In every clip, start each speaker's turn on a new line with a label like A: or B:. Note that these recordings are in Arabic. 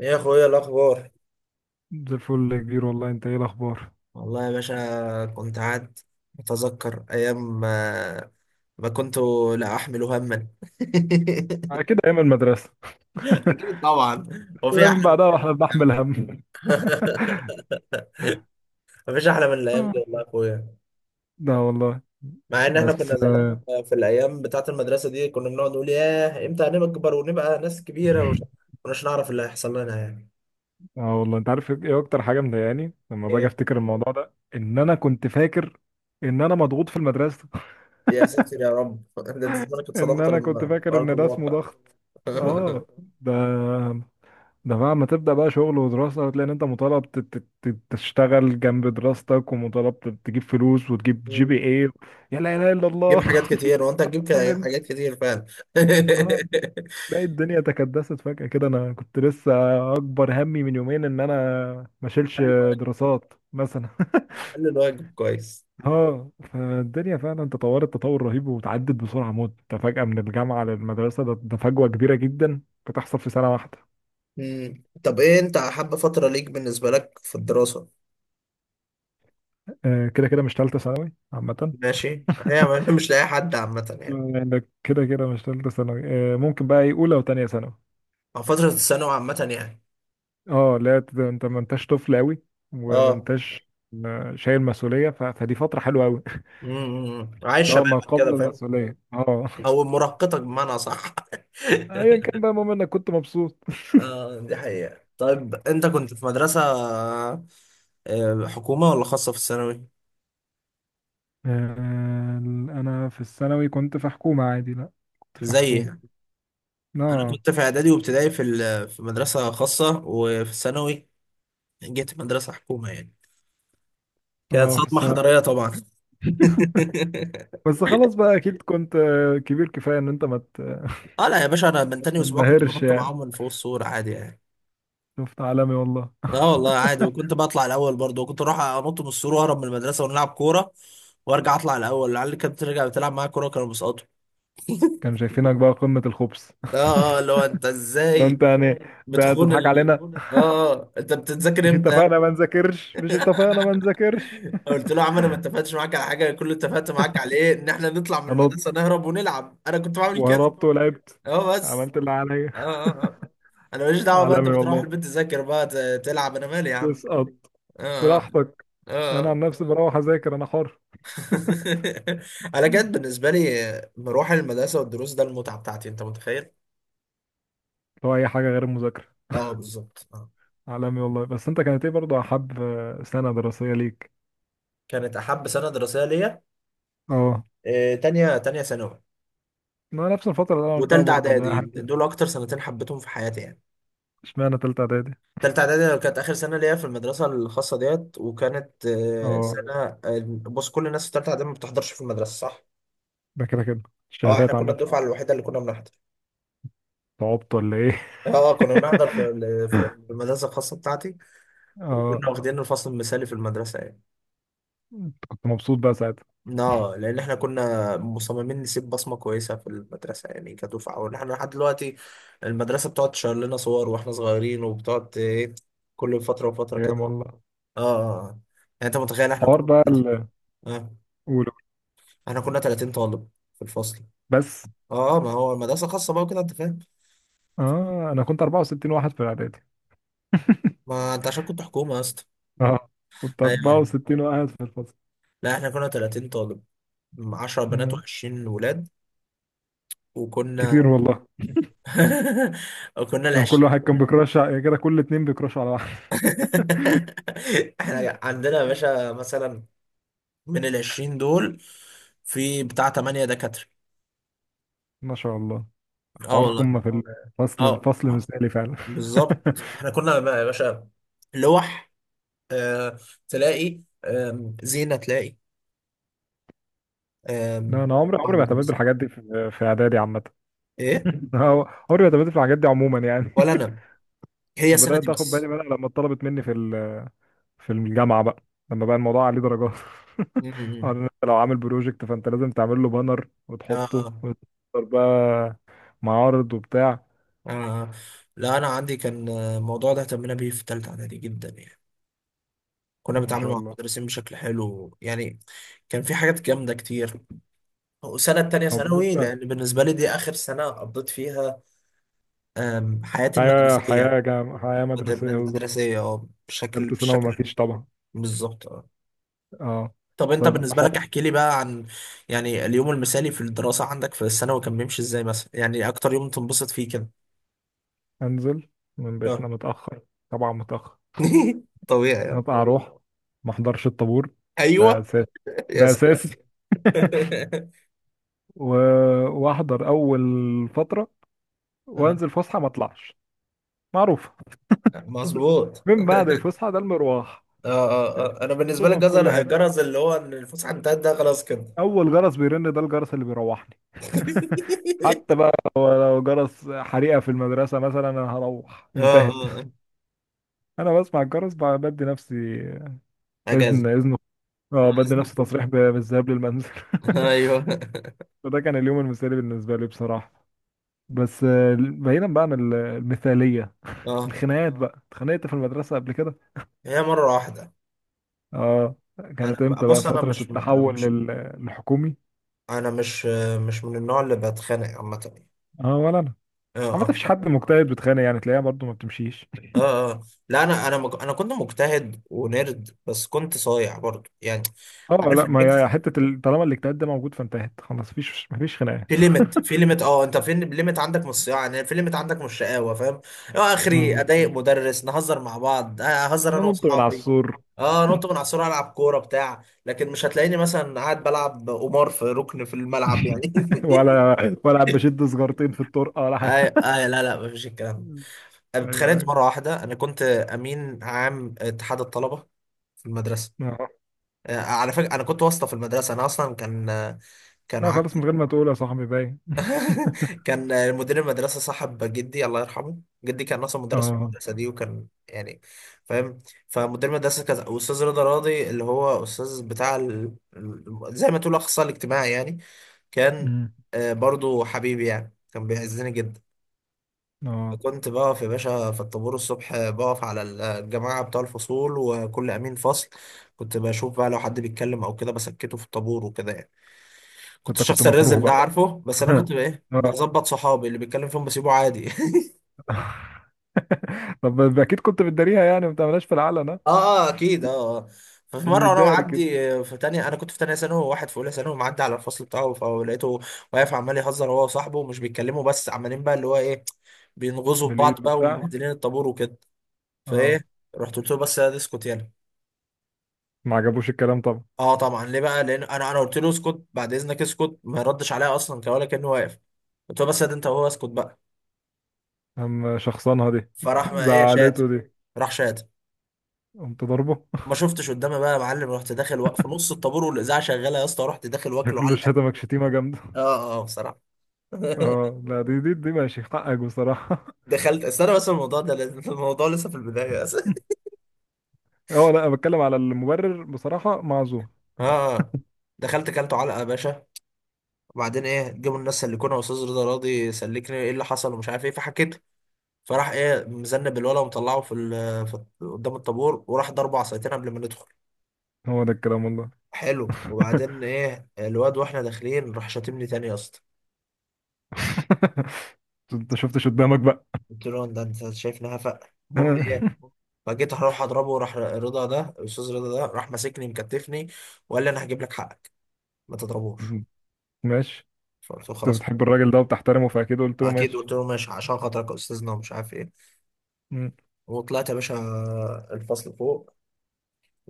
A: ايه يا اخويا، إيه الاخبار؟
B: زي الفل يا كبير، والله انت ايه الاخبار؟
A: والله يا باشا كنت قاعد اتذكر ايام ما كنت لا احمل هما
B: على كده ايام المدرسه.
A: اكيد طبعا. هو في
B: من
A: احلى
B: بعدها واحنا بنحمل
A: من
B: هم.
A: مفيش احلى من الايام دي والله يا اخويا.
B: لا والله.
A: مع ان احنا كنا
B: بس
A: زمان
B: اه
A: في الايام بتاعه المدرسه دي كنا بنقعد نقول ياه، امتى هنكبر ونبقى ناس كبيره، ومش مش نعرف اللي هيحصل لنا يعني.
B: آه والله، انت عارف ايه اكتر حاجه مضايقاني لما باجي
A: ايه؟
B: افتكر الموضوع ده؟ ان انا كنت فاكر ان انا مضغوط في المدرسه.
A: يا ساتر يا رب ده أنت زمانك
B: ان
A: اتصدمت
B: انا كنت
A: لما
B: فاكر
A: ارض
B: ان ده اسمه
A: الواقع.
B: ضغط. اه. ده ده بقى ما تبدأ بقى شغل ودراسة، هتلاقي ان انت مطالب تشتغل جنب دراستك، ومطالب تجيب فلوس وتجيب جي بي اي يا لا اله الا
A: جيب
B: الله.
A: حاجات كتير، وانت هتجيب
B: سلمت.
A: حاجات كتير فعلا.
B: اه.
A: حل
B: تلاقي الدنيا تكدست فجأة كده. انا كنت لسه اكبر همي من يومين ان انا ما اشيلش
A: الواجب
B: دراسات مثلا.
A: حل الواجب كويس.
B: اه فالدنيا فعلا تطورت تطور رهيب، وتعدت بسرعة موت. انت فجأة من الجامعة للمدرسة، ده فجوة كبيرة جدا بتحصل في سنة واحدة.
A: مم. طب ايه انت حابة فترة ليك بالنسبة لك في الدراسة؟
B: كده كده مش تالتة ثانوي عامة.
A: ماشي، هي مش لاقي حد عامة يعني.
B: انك كده كده مش تالتة ثانوي. ممكن بقى ايه؟ اولى وتانية ثانوي.
A: او فترة الثانوي عامة يعني.
B: اه لا، انت ما انتش طفل قوي وما
A: اه.
B: انتش شايل مسؤولية، فدي فترة حلوة قوي.
A: عايش
B: اه،
A: شبابك،
B: ما
A: كده
B: قبل
A: فاهم.
B: المسؤولية. اه.
A: او مراهقتك بمعنى، صح.
B: ايا كان بقى، المهم انك كنت مبسوط.
A: اه، دي حقيقة. طيب انت كنت في مدرسة حكومة ولا خاصة في الثانوي؟
B: آه، انا في الثانوي كنت في حكومة عادي. لا، كنت في
A: زي
B: حكومة.
A: انا
B: اه
A: كنت في اعدادي وابتدائي في مدرسه خاصه، وفي الثانوي جيت مدرسه حكومه يعني. كانت
B: اه في
A: صدمه
B: الثانوي.
A: حضاريه طبعا.
B: بس خلاص بقى اكيد كنت كبير كفاية، ان انت ما
A: اه لا يا باشا، انا من تاني اسبوع كنت
B: تنبهرش
A: بنط
B: يعني.
A: معاهم من فوق السور عادي يعني.
B: شفت عالمي والله.
A: اه والله عادي، وكنت بطلع الاول برضه، وكنت اروح انط من السور واهرب من المدرسه ونلعب كوره، وارجع اطلع الاول. العيال اللي كانت بترجع بتلعب معايا كوره كانوا بيسقطوا.
B: كانوا شايفينك بقى قمة الخبث.
A: اه اه، اللي هو انت
B: ده
A: ازاي
B: انت يعني، ده
A: بتخون
B: تضحك
A: ال...
B: علينا.
A: اه انت بتتذاكر
B: مش
A: امتى؟
B: اتفقنا ما نذاكرش؟ مش اتفقنا ما نذاكرش؟
A: قلت له يا عم، انا ما اتفقتش معاك على حاجه. كل اللي اتفقت معاك على ايه؟ ان احنا نطلع من المدرسه
B: هنط
A: نهرب ونلعب. انا كنت بعمل كده.
B: وهربت ولعبت،
A: اه بس.
B: عملت اللي عليا.
A: اه اه اه، انا ماليش دعوه بقى. انت
B: عالمي
A: بتروح
B: والله.
A: البيت تذاكر بقى تلعب، انا مالي يا عم؟
B: تسقط
A: اه اه
B: براحتك،
A: اه
B: انا عن
A: آه.
B: نفسي بروح اذاكر، انا حر.
A: انا كانت بالنسبه لي مروح المدرسه والدروس ده المتعه بتاعتي، انت متخيل؟
B: لو اي حاجه غير المذاكره.
A: اه بالظبط، اه.
B: عالمي والله. بس انت كانت ايه برضه احب سنه دراسيه ليك؟
A: كانت احب سنه دراسيه ليا،
B: اه،
A: تانية ثانوي.
B: ما نفس الفتره اللي انا قلتها
A: وتالتة
B: برضه اللي هي
A: اعدادي
B: حته.
A: دول اكتر سنتين حبيتهم في حياتي يعني.
B: اشمعنى تالته اعدادي؟
A: تالتة إعدادي كانت آخر سنة ليا في المدرسة الخاصة ديت، وكانت
B: اه.
A: سنة بص، كل الناس في تالتة إعدادي ما بتحضرش في المدرسة، صح؟
B: ده كده كده
A: أه، إحنا
B: الشهادات
A: كنا
B: عامه.
A: الدفعة الوحيدة اللي كنا بنحضر.
B: تعبت ولا ايه؟
A: أه كنا بنحضر في المدرسة الخاصة بتاعتي.
B: اه،
A: وكنا واخدين الفصل المثالي في المدرسة يعني.
B: كنت مبسوط بقى ساعتها.
A: أه لأن إحنا كنا مصممين نسيب بصمة كويسة في المدرسة يعني كدفعة. وإن إحنا لحد دلوقتي المدرسة بتقعد تشير لنا صور وإحنا صغيرين، وبتقعد إيه، كل فترة وفترة كده.
B: ايام والله.
A: أه آه. آه. يعني أنت متخيل إحنا كنا
B: حوار بقى ال-
A: آه.
B: قول قول.
A: احنا كنا 30 طالب في الفصل.
B: بس
A: اه ما هو المدرسة خاصة بقى وكده، انت فاهم.
B: اه انا كنت 64 واحد في الاعدادي.
A: ما انت عشان كنت حكومة يا اسطى.
B: اه، كنت
A: ايوه.
B: 64 واحد في الفصل.
A: لا احنا كنا 30 طالب، 10 بنات
B: آه.
A: و20 ولاد، وكنا
B: كتير والله.
A: وكنا ال
B: لما كل
A: 20
B: واحد كان بيكراش يا كده كل اتنين بيكراشوا على واحد.
A: احنا عندنا يا باشا مثلا، من ال 20 دول، في بتاع 8 دكاترة.
B: ما شاء الله.
A: اه
B: حوار
A: والله.
B: قمة في الفصل،
A: اه
B: فصل مثالي فعلا.
A: بالظبط. احنا كنا بقى يا باشا لوح، آه تلاقي زينة، تلاقي
B: لا،
A: آم،
B: انا عمري عمري ما اعتمدت بالحاجات دي في اعدادي عامة.
A: ايه.
B: عمري ما اعتمدت في الحاجات دي عموما يعني.
A: ولا انا، هي
B: انا
A: السنه دي
B: بدأت اخد بالي
A: بس.
B: منها لما اتطلبت مني في الجامعة بقى، لما بقى الموضوع عليه درجات. قال
A: امم
B: انت لو عامل بروجكت فانت لازم تعمل له بانر
A: آه,
B: وتحطه
A: آه,
B: وتحضر بقى معارض وبتاع.
A: اه لا، انا عندي كان الموضوع ده اهتمينا بيه في ثالثه اعدادي جدا يعني. كنا
B: ما
A: بنتعامل
B: شاء
A: مع
B: الله.
A: المدرسين بشكل حلو يعني. كان في حاجات جامده كتير. وسنه تانية
B: هو
A: ثانوي،
B: بالنسبة
A: لان بالنسبه لي دي اخر سنه قضيت فيها حياتي
B: حياة
A: المدرسيه.
B: حياة جام... حياة مدرسية بالظبط.
A: مدرسيه، اه بشكل
B: تالتة ثانوي ما
A: بشكل
B: فيش طبعا.
A: بالظبط اه.
B: اه،
A: طب انت
B: طيب
A: بالنسبه لك
B: حاضر.
A: احكي لي بقى عن، يعني اليوم المثالي في الدراسه عندك في الثانوي كان بيمشي ازاي مثلا؟ يعني اكتر يوم تنبسط فيه كده.
B: انزل من
A: آه.
B: بيتنا متأخر. طبعا متأخر.
A: طبيعي آه.
B: هبقى اروح ما احضرش الطابور، ده
A: ايوه.
B: اساسي.
A: يا
B: ده
A: سلام.
B: اساسي. و... واحضر اول فترة،
A: آه،
B: وانزل فسحة ما اطلعش. معروف.
A: مظبوط.
B: من بعد الفسحة ده المروح.
A: اه اه اه، انا بالنسبه لي
B: روحه في كل
A: جزر
B: حتة.
A: جرز، اللي هو ان الفسحه انتهت ده خلاص كده.
B: أول جرس بيرن ده الجرس اللي بيروحني. حتى بقى لو جرس حريقة في المدرسة مثلا، أنا هروح.
A: اه
B: انتهت.
A: اه آه.
B: أنا بسمع الجرس بقى بدي نفسي إذن
A: اجازه،
B: إذن. اه،
A: انا
B: بدي
A: عايز
B: نفسي
A: نخرج.
B: تصريح بالذهاب للمنزل.
A: ايوه.
B: فده كان اليوم المثالي بالنسبة لي بصراحة. بس بعيدا بقى عن المثالية،
A: اه.
B: الخناقات بقى. اتخانقت في المدرسة قبل كده.
A: هي مره واحده.
B: اه. كانت
A: انا
B: امتى بقى
A: بص انا
B: فترة
A: مش انا
B: التحول
A: مش
B: للحكومي؟
A: انا مش مش من النوع اللي بتخانق عامه يعني.
B: اه ولا أنا.
A: اه
B: عامة
A: اه
B: مفيش حد مجتهد بتخانق يعني، تلاقيها برضو ما بتمشيش.
A: اه اه، لا انا انا كنت مجتهد ونرد، بس كنت صايع برضو يعني.
B: اه
A: عارف
B: لا، ما هي
A: الميكس؟
B: حتة طالما الاجتهاد ده موجود فانتهت خلاص، مفيش خناقات.
A: في ليميت اه، انت فين ليميت عندك من الصياعه يعني؟ في ليميت عندك من الشقاوه، فاهم؟ اه، اخري
B: اه،
A: اضايق مدرس، نهزر مع بعض، اهزر انا
B: ننط من على
A: واصحابي.
B: السور.
A: اه، نط من على السور، العب كوره بتاع، لكن مش هتلاقيني مثلا قاعد بلعب قمار في ركن في الملعب يعني.
B: ولا بشد سجارتين في الطرقة ولا حاجة.
A: آه آه لا لا، مفيش الكلام ده.
B: ايوه
A: اتخانقت
B: ايوه.
A: مرة واحدة. أنا كنت أمين عام اتحاد الطلبة في المدرسة.
B: اه
A: آه، على فكرة أنا كنت واسطة في المدرسة. أنا أصلا كان كان
B: لا، خلاص من
A: عندي،
B: غير ما تقول يا صاحبي باين.
A: كان مدير المدرسة صاحب جدي الله يرحمه. جدي كان أصلا مدرس في
B: اه.
A: المدرسة دي، وكان يعني، فاهم. فمدير المدرسة كان أستاذ رضا راضي، اللي هو أستاذ بتاع زي ما تقول الأخصائي الاجتماعي يعني. كان
B: امم
A: برضو حبيبي يعني، كان بيعزني جدا.
B: اه،
A: كنت بقف يا باشا في الطابور الصبح، بقف على الجماعة بتوع الفصول وكل أمين فصل. كنت بشوف بقى لو حد بيتكلم أو كده بسكته في الطابور وكده يعني. كنت
B: فانت كنت
A: الشخص
B: مكروه
A: الرزل ده،
B: بقى.
A: عارفه، بس انا كنت بقى ايه
B: اه،
A: بظبط، صحابي اللي بيتكلم فيهم بسيبه عادي.
B: طب اكيد كنت بتداريها يعني، ما بتعملهاش في العلن ها؟
A: اه اه اكيد، اه آه. ففي
B: في
A: مره وانا
B: المداري كده.
A: معدي في تانية انا كنت في تانية ثانوي، وواحد في اولى ثانوي، معدي على الفصل بتاعه، فلقيته واقف عمال يهزر هو وصاحبه، ومش بيتكلموا بس عمالين بقى اللي هو ايه، بينغزوا في
B: بالايد
A: بعض بقى
B: وبتاع.
A: ومبهدلين الطابور وكده.
B: اه،
A: فايه، رحت قلت له، بس يا دي اسكت، يلا.
B: ما عجبوش الكلام.
A: اه طبعا، ليه بقى؟ لان انا قلت له اسكت بعد اذنك، اسكت، ما ردش عليا اصلا، كان ولا كانه واقف. قلت له بس يا دي، انت وهو اسكت بقى.
B: أما شخصنها دي.
A: فراح ما ايه شات
B: زعلته دي.
A: راح شات.
B: قمت ضربه.
A: ما شفتش قدامي بقى يا معلم، رحت داخل، وقف في نص الطابور والاذاعه شغاله يا اسطى، رحت داخل واكله
B: شكله
A: علقه.
B: شتمك شتيمة جامدة.
A: اه اه بصراحه.
B: اه لا، دي ماشي حقك بصراحة.
A: دخلت استنى، بس الموضوع ده الموضوع لسه في البدايه بس.
B: اه لا، أنا بتكلم على المبرر بصراحة، معذور.
A: اه اه، دخلت كلته علقه يا باشا. وبعدين ايه، جابوا الناس سلكونا، استاذ رضا راضي سلكني، ايه اللي حصل ومش عارف ايه، فحكيت. فراح ايه، مذنب الولا، ومطلعه في قدام الطابور، وراح ضربه عصايتين قبل ما ندخل.
B: هو ده الكلام والله.
A: حلو. وبعدين ايه، الواد واحنا داخلين راح شاتمني تاني يا اسطى.
B: انت شفتش قدامك بقى.
A: قلت له، ده انت شايفني هفق؟ المهم، فجيت هروح اضربه، راح رضا ده الاستاذ رضا ده راح ماسكني مكتفني، وقال لي انا هجيب لك حقك، ما تضربوش.
B: ماشي.
A: فقلت له
B: انت
A: خلاص،
B: بتحب الراجل ده وبتحترمه، فاكيد قلت له
A: اكيد
B: ماشي.
A: قلت له ماشي عشان خاطرك يا استاذنا ومش عارف ايه.
B: مم.
A: وطلعت يا باشا الفصل فوق.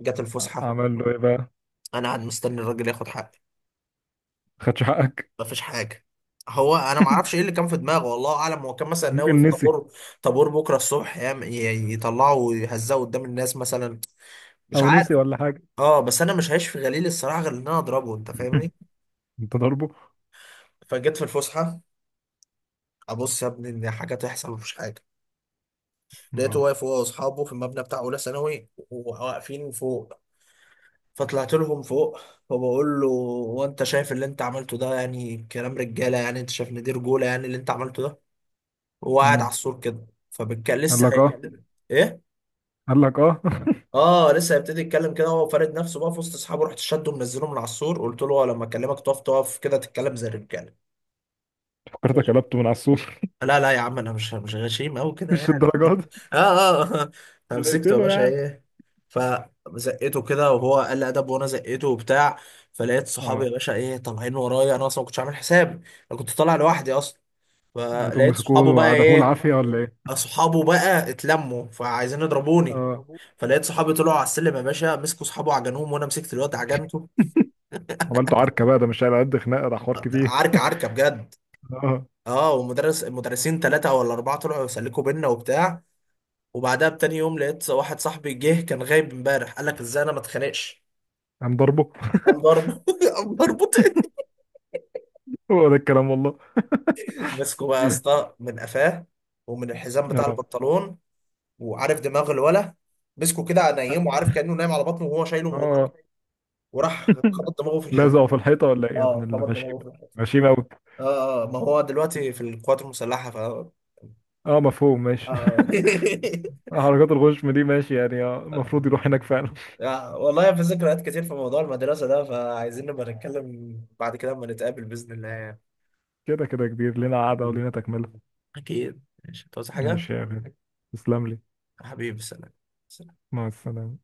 A: جت الفسحه،
B: عمل له ايه بقى؟
A: انا قاعد مستني الراجل ياخد حقي.
B: خدش حقك؟
A: مفيش حاجه. هو انا ما اعرفش ايه اللي كان في دماغه، والله اعلم، هو كان مثلا ناوي
B: ممكن
A: في
B: نسي،
A: طابور بكره الصبح يطلعه ويهزقه قدام الناس مثلا. مش
B: او نسي
A: عارف.
B: ولا حاجة.
A: اه بس انا مش هعيش في غليل الصراحه غير ان انا اضربه، انت فاهمني؟
B: انت ضربه.
A: فجيت في الفسحه، ابص يا ابني ان حاجه تحصل، مفيش حاجه. لقيته
B: اه.
A: واقف هو واصحابه في المبنى بتاع اولى ثانوي، وواقفين فوق. فطلعت لهم فوق وبقول له، هو انت شايف اللي انت عملته ده يعني كلام رجاله؟ يعني انت شايف ان دي رجوله يعني اللي انت عملته ده؟ هو قاعد على
B: مم.
A: السور كده، فبالكلم
B: قال
A: لسه
B: لك اه.
A: ايه،
B: قال لك اه.
A: اه، لسه هيبتدي يتكلم كده، هو فارد نفسه بقى في وسط اصحابه. رحت شده منزله من على السور، قلت له، هو لما اكلمك تقف، تقف كده تتكلم زي الرجاله.
B: فكرتك
A: ماشي،
B: قلبته من على السور.
A: لا لا يا عم، انا مش غشيم قوي كده
B: مش
A: يعني.
B: الدرجات دي.
A: اه اه آه.
B: انا
A: فمسكته يا
B: قلتله
A: باشا،
B: يعني.
A: ايه، فزقته كده، وهو قال لي ادب، وانا زقته وبتاع. فلقيت صحابي
B: اه،
A: يا باشا ايه طالعين ورايا، انا اصلا ما كنتش عامل حساب، انا كنت طالع لوحدي اصلا.
B: لقيتهم
A: فلقيت صحابه
B: مسكوه
A: بقى
B: وعدموه
A: ايه،
B: العافيه ولا ايه؟
A: اصحابه بقى اتلموا فعايزين يضربوني،
B: اه،
A: فلقيت صحابي طلعوا على السلم يا باشا، مسكوا صحابه عجنوهم، وانا مسكت الواد عجنته.
B: عملته عركه بقى، ده مش على قد خناقه، ده حوار كبير.
A: عركه عركه بجد.
B: اه،
A: اه، المدرسين ثلاثه ولا اربعه طلعوا يسلكوا بينا وبتاع. وبعدها بتاني يوم لقيت واحد صاحبي جه كان غايب امبارح قال لك، ازاي انا ما اتخانقش؟
B: قام ضربه.
A: قام ضربه قام ضربه.
B: هو ده الكلام والله.
A: مسكه بقى يا اسطى من قفاه، ومن الحزام بتاع
B: اه
A: البنطلون، وعارف دماغ الولا، مسكه كده نايم، وعارف كأنه نايم على بطنه وهو شايله من ورا،
B: اه،
A: وراح خبط دماغه في الحيطة.
B: لازقه في الحيطه ولا ايه يا ابن
A: اه خبط دماغه
B: الغشيمه؟
A: في الحيطة.
B: غشيمه قوي.
A: اه اه، ما هو دلوقتي في القوات المسلحة، ف
B: اه، مفهوم ماشي. حركات الغشم دي ماشي يعني، المفروض يروح هناك فعلا.
A: والله في ذكريات كتير في موضوع المدرسة ده، فعايزين نبقى نتكلم بعد كده اما نتقابل بإذن الله يعني.
B: كده كده كبير، لنا قعده ولنا تكمله.
A: أكيد، ماشي، تعوز حاجة؟
B: ماشي يا غالي، تسلم لي.
A: حبيبي، سلام.
B: مع السلامه.